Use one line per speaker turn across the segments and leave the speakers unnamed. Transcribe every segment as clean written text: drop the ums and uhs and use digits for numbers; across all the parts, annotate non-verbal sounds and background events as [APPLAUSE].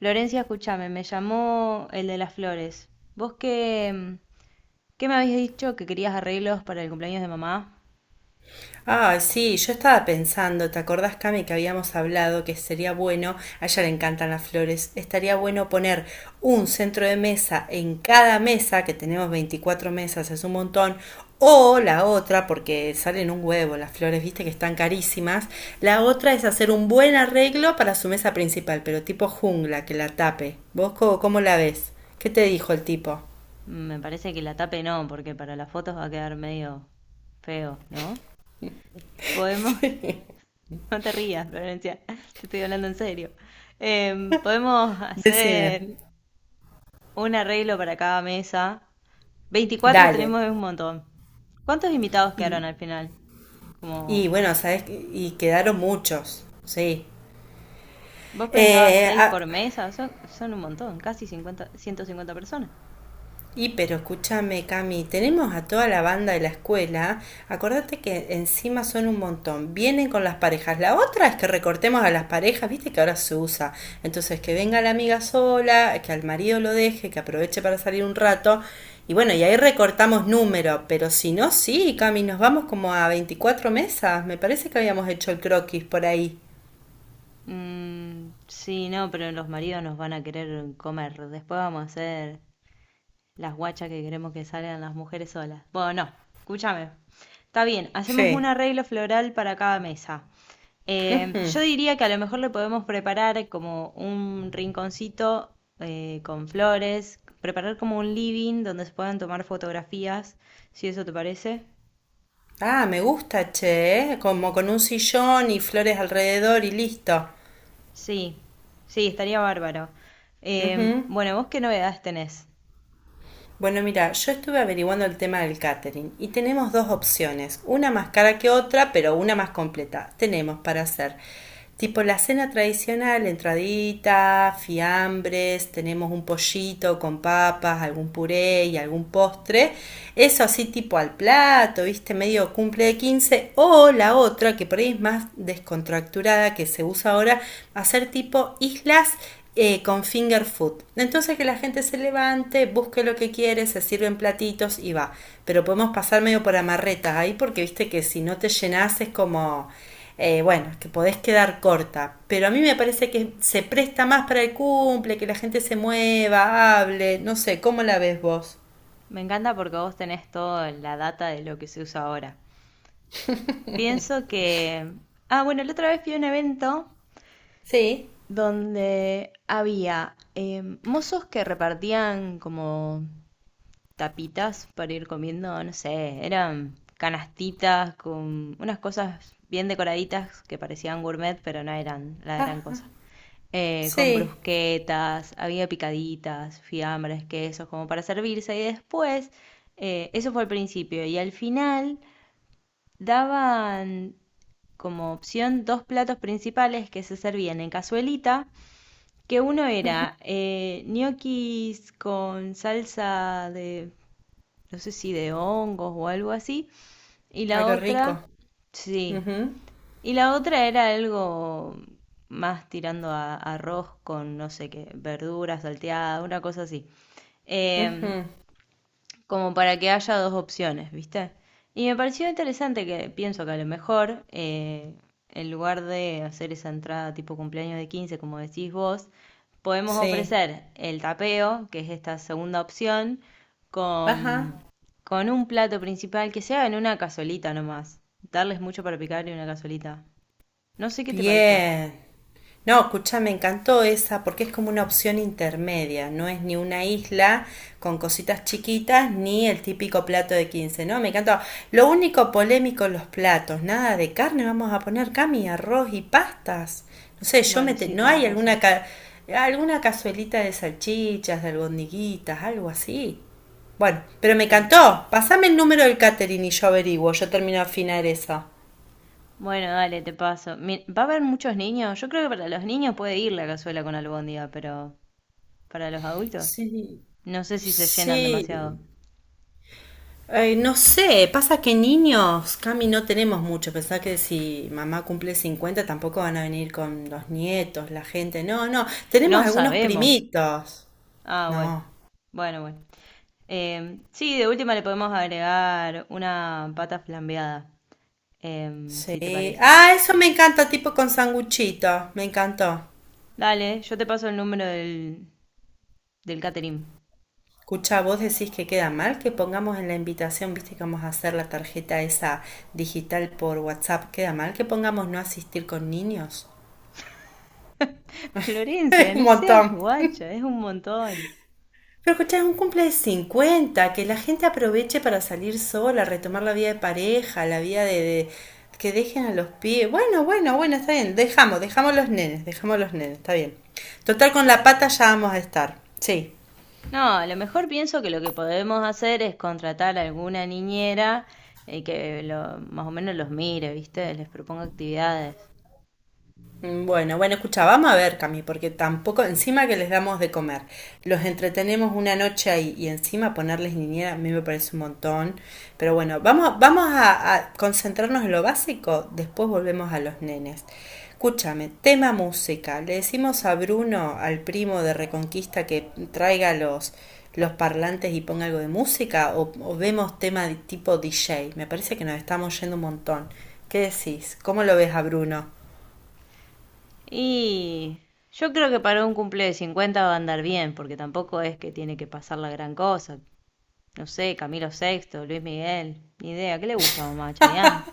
Lorencia, escúchame, me llamó el de las flores. ¿Vos qué, qué me habías dicho que querías arreglos para el cumpleaños de mamá?
Ay, sí, yo estaba pensando, ¿te acordás, Cami, que habíamos hablado que sería bueno, a ella le encantan las flores, estaría bueno poner un centro de mesa en cada mesa, que tenemos 24 mesas, es un montón, o la otra, porque salen un huevo las flores, viste que están carísimas, la otra es hacer un buen arreglo para su mesa principal, pero tipo jungla, que la tape. ¿Vos cómo, la ves? ¿Qué te dijo el tipo?
Me parece que la tape no, porque para las fotos va a quedar medio feo, ¿no? Podemos... [LAUGHS] no te rías, Florencia, [LAUGHS] te estoy hablando en serio. Podemos
Decime.
hacer un arreglo para cada mesa. 24
Dale.
tenemos, es un montón. ¿Cuántos invitados quedaron al final?
Y
Como...
bueno, ¿sabes? Y quedaron muchos, sí.
Vos pensabas
Eh,
seis por
ah,
mesa, son un montón, casi 50, 150 personas.
y pero escúchame, Cami, tenemos a toda la banda de la escuela. Acordate que encima son un montón. Vienen con las parejas. La otra es que recortemos a las parejas, viste que ahora se usa. Entonces, que venga la amiga sola, que al marido lo deje, que aproveche para salir un rato. Y bueno, y ahí recortamos número. Pero si no, sí, Cami, nos vamos como a 24 mesas. Me parece que habíamos hecho el croquis por ahí.
Mm, sí, no, pero los maridos nos van a querer comer. Después vamos a hacer las guachas que queremos que salgan las mujeres solas. Bueno, no, escúchame. Está bien, hacemos un
Sí.
arreglo floral para cada mesa. Yo
Mm.
diría que a lo mejor le podemos preparar como un rinconcito con flores, preparar como un living donde se puedan tomar fotografías, si eso te parece.
Ah, me gusta, che, ¿eh? Como con un sillón y flores alrededor y listo.
Sí, sí, estaría bárbaro.
Ujú.
Bueno, ¿vos qué novedades tenés?
Bueno, mira, yo estuve averiguando el tema del catering y tenemos dos opciones, una más cara que otra, pero una más completa. Tenemos para hacer tipo la cena tradicional, entradita, fiambres, tenemos un pollito con papas, algún puré y algún postre. Eso así tipo al plato, viste, medio cumple de 15. O la otra, que por ahí es más descontracturada, que se usa ahora, hacer tipo islas con finger food. Entonces que la gente se levante, busque lo que quiere, se sirven platitos y va. Pero podemos pasar medio por amarretas ahí porque viste que si no te llenas es como, bueno, que podés quedar corta. Pero a mí me parece que se presta más para el cumple, que la gente se mueva, hable, no sé, ¿cómo la ves vos?
Me encanta porque vos tenés toda la data de lo que se usa ahora. Pienso que... Ah, bueno, la otra vez fui a un evento
Sí.
donde había mozos que repartían como tapitas para ir comiendo, no sé, eran canastitas con unas cosas bien decoraditas que parecían gourmet, pero no eran la gran
Ah,
cosa. Con
sí.
brusquetas, había picaditas, fiambres, quesos, como para servirse. Y después, eso fue al principio. Y al final daban como opción dos platos principales que se servían en cazuelita, que uno era ñoquis con salsa de, no sé si de hongos o algo así, y la
Algo rico.
otra, sí,
Ujú,
y la otra era algo más tirando a arroz con, no sé qué, verdura salteada, una cosa así. Em,
ujú,
Como para que haya dos opciones, ¿viste? Y me pareció interesante, que pienso que a lo mejor, en lugar de hacer esa entrada tipo cumpleaños de 15 como decís vos, podemos
sí.
ofrecer el tapeo, que es esta segunda opción,
Ajá.
con, con un plato principal que sea en una cazolita nomás. Darles mucho para picar y una cazolita. No sé qué te parece a vos.
Bien. No, escucha, me encantó esa porque es como una opción intermedia, no es ni una isla con cositas chiquitas ni el típico plato de 15. ¿No? Me encantó. Lo único polémico los platos, nada de carne, vamos a poner cami, arroz y pastas. No sé, yo
Bueno, sí,
no
tenés
hay
razón.
alguna cazuelita de salchichas, de albondiguitas, algo así. Bueno, pero me
Pero...
encantó. Pasame el número del catering y yo averiguo, yo termino de afinar eso.
Bueno, dale, te paso. Mi... ¿Va a haber muchos niños? Yo creo que para los niños puede ir la cazuela con albóndiga, pero para los adultos,
Sí,
no sé si se llenan
sí.
demasiado.
Ay, no sé, pasa que niños, Cami, no tenemos mucho. Pensá que si mamá cumple 50, tampoco van a venir con los nietos, la gente. No, no, tenemos
No
algunos
sabemos.
primitos.
Ah, bueno,
No,
bueno, bueno. Sí, de última le podemos agregar una pata flambeada, si te
sí.
parece.
Ah, eso me encanta, tipo con sanguchito. Me encantó.
Dale, yo te paso el número del catering.
Escucha, vos decís que queda mal que pongamos en la invitación, viste que vamos a hacer la tarjeta esa digital por WhatsApp. ¿Queda mal que pongamos no asistir con niños?
[LAUGHS] Florencia,
[LAUGHS] Un
no seas
montón.
guacha, es un montón.
Pero escuchá, es un cumple de 50 que la gente aproveche para salir sola, retomar la vida de pareja, la vida que dejen a los pies. Bueno, bueno, bueno, está bien. Dejamos, dejamos los nenes, está bien. Total, con la pata ya vamos a estar. Sí.
No, a lo mejor pienso que lo que podemos hacer es contratar a alguna niñera y que lo, más o menos los mire, ¿viste? Les proponga actividades.
Bueno, bueno, escucha, vamos a ver, Cami, porque tampoco, encima que les damos de comer, los entretenemos una noche ahí y encima ponerles niñera, a mí me parece un montón. Pero bueno, vamos, vamos a concentrarnos en lo básico, después volvemos a los nenes. Escúchame, tema música. Le decimos a Bruno, al primo de Reconquista, que traiga los parlantes y ponga algo de música, o, vemos tema de tipo DJ. Me parece que nos estamos yendo un montón. ¿Qué decís? ¿Cómo lo ves a Bruno?
Y yo creo que para un cumple de 50 va a andar bien, porque tampoco es que tiene que pasar la gran cosa. No sé, Camilo Sexto, Luis Miguel, ni idea. ¿Qué le gusta a mamá? ¿Chayanne?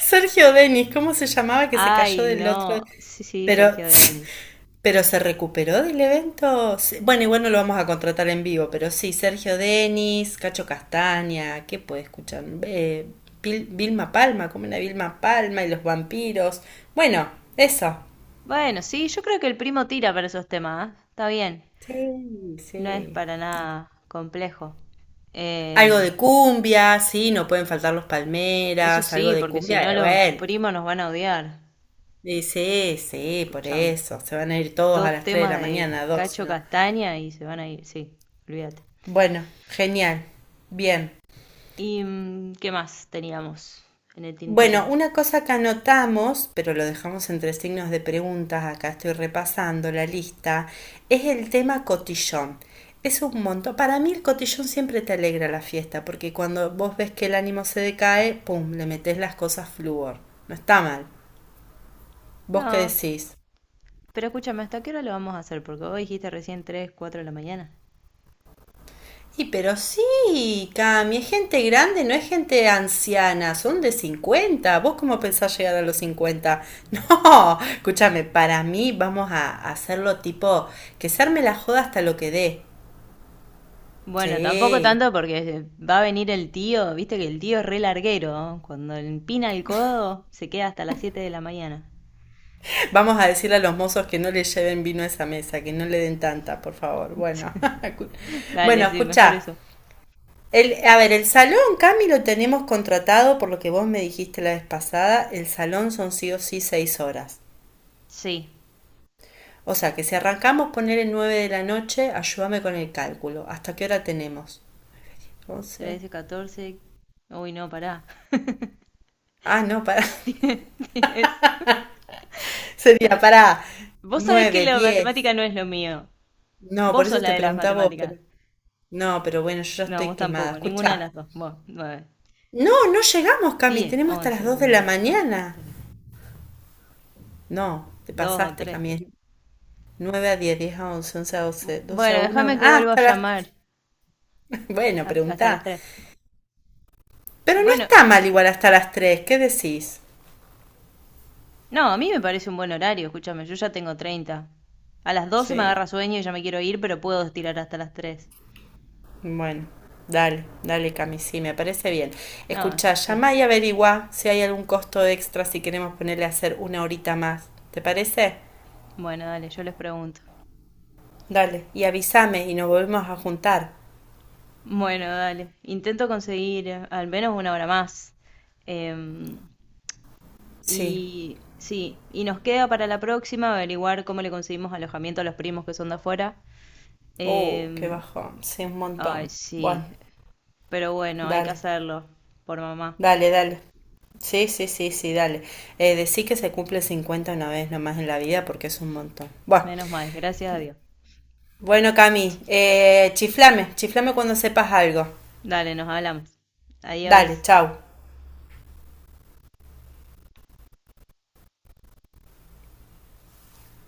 Sergio Denis, ¿cómo se llamaba que se cayó
Ay,
del otro?
no. Sí, sí,
Pero,
Sergio Denis.
[LAUGHS] pero se recuperó del evento. Sí, bueno, igual no lo vamos a contratar en vivo, pero sí, Sergio Denis, Cacho Castaña, ¿qué puede escuchar? Vilma Palma, como una Vilma Palma y los vampiros. Bueno, eso.
Bueno, sí, yo creo que el primo tira para esos temas, ¿ah? Está bien.
Sí,
No es
sí.
para nada complejo. Eh...
Algo de cumbia, sí, no pueden faltar los
Eso
palmeras, algo
sí,
de
porque si
cumbia,
no los
bueno.
primos nos van a odiar.
Y sí, sí, por
Escuchame.
eso. Se van a ir todos a
Dos
las 3 de
temas
la
de
mañana, 2, si
Cacho
no.
Castaña y se van a ir. Sí, olvídate.
Bueno, genial. Bien.
¿Y mm, qué más teníamos en el tintero?
Bueno, una cosa que anotamos, pero lo dejamos entre signos de preguntas, acá estoy repasando la lista, es el tema cotillón. Es un montón. Para mí el cotillón siempre te alegra la fiesta, porque cuando vos ves que el ánimo se decae, pum, le metés las cosas flúor. No está mal. ¿Vos qué
No,
decís?
pero escúchame, ¿hasta qué hora lo vamos a hacer? Porque vos dijiste recién tres, 4 de la mañana.
Y pero sí, Cami, es gente grande, no es gente anciana, son de 50. ¿Vos cómo pensás llegar a los 50? [LAUGHS] No, escúchame, para mí vamos a hacerlo tipo que se arme la joda hasta lo que dé.
Bueno, tampoco
Sí,
tanto porque va a venir el tío, viste que el tío es re larguero, ¿no? Cuando le empina el codo se queda hasta las 7 de la mañana.
vamos a decirle a los mozos que no le lleven vino a esa mesa, que no le den tanta, por favor. Bueno,
[LAUGHS]
[LAUGHS]
Dale,
bueno,
sí, mejor
escucha.
eso.
El, a ver, el salón, Cami, lo tenemos contratado por lo que vos me dijiste la vez pasada. El salón son sí o sí 6 horas.
Sí,
O sea, que si arrancamos poner el 9 de la noche, ayúdame con el cálculo. ¿Hasta qué hora tenemos? 11.
13, 14... Uy, no, pará.
Ah, no, para. [LAUGHS]
[LAUGHS] Tienes...
Sería para
Vos sabés que
9
la
diez.
matemática no es lo mío.
No, por
Vos sos
eso
la
te
de las
preguntaba vos,
matemáticas.
pero. No, pero bueno, yo ya
No,
estoy
vos
quemada.
tampoco, ninguna de
Escucha.
las dos. Vos, 9,
No, no llegamos, Cami.
10,
Tenemos hasta las
11,
2 de la
una, dos,
mañana.
tres,
No, te
dos o
pasaste,
tres.
Cami. Es 9 a diez, 10 a once, 11 a doce, 12
Bueno,
a una,
déjame que
ah,
vuelva a
hasta las.
llamar
[LAUGHS] Bueno,
a... hasta las
preguntá.
tres.
Pero no
Bueno,
está mal igual hasta las 3. ¿Qué decís?
no, a mí me parece un buen horario, escúchame, yo ya tengo 30. A las 12 me
Sí.
agarra sueño y ya me quiero ir, pero puedo estirar hasta las tres.
Bueno, dale, dale, Cami, sí, me parece bien.
No,
Escucha,
sí.
llama y averigua si hay algún costo extra si queremos ponerle a hacer una horita más. ¿Te parece?
Bueno, dale, yo les pregunto.
Dale, y avísame y nos volvemos a juntar.
Bueno, dale. Intento conseguir al menos una hora más. Em,
Sí.
y sí, y nos queda para la próxima averiguar cómo le conseguimos alojamiento a los primos que son de afuera.
Qué
Em...
bajón. Sí, un montón.
ay,
Bueno,
sí. Pero bueno, hay que
dale,
hacerlo por mamá.
dale, dale. Sí, sí, sí, sí, dale. Decí que se cumple 50 una vez nomás en la vida porque es un montón. Bueno,
Menos mal, gracias a Dios.
bueno, Cami, chiflame, chiflame cuando sepas algo.
Dale, nos hablamos.
Dale,
Adiós.
chau.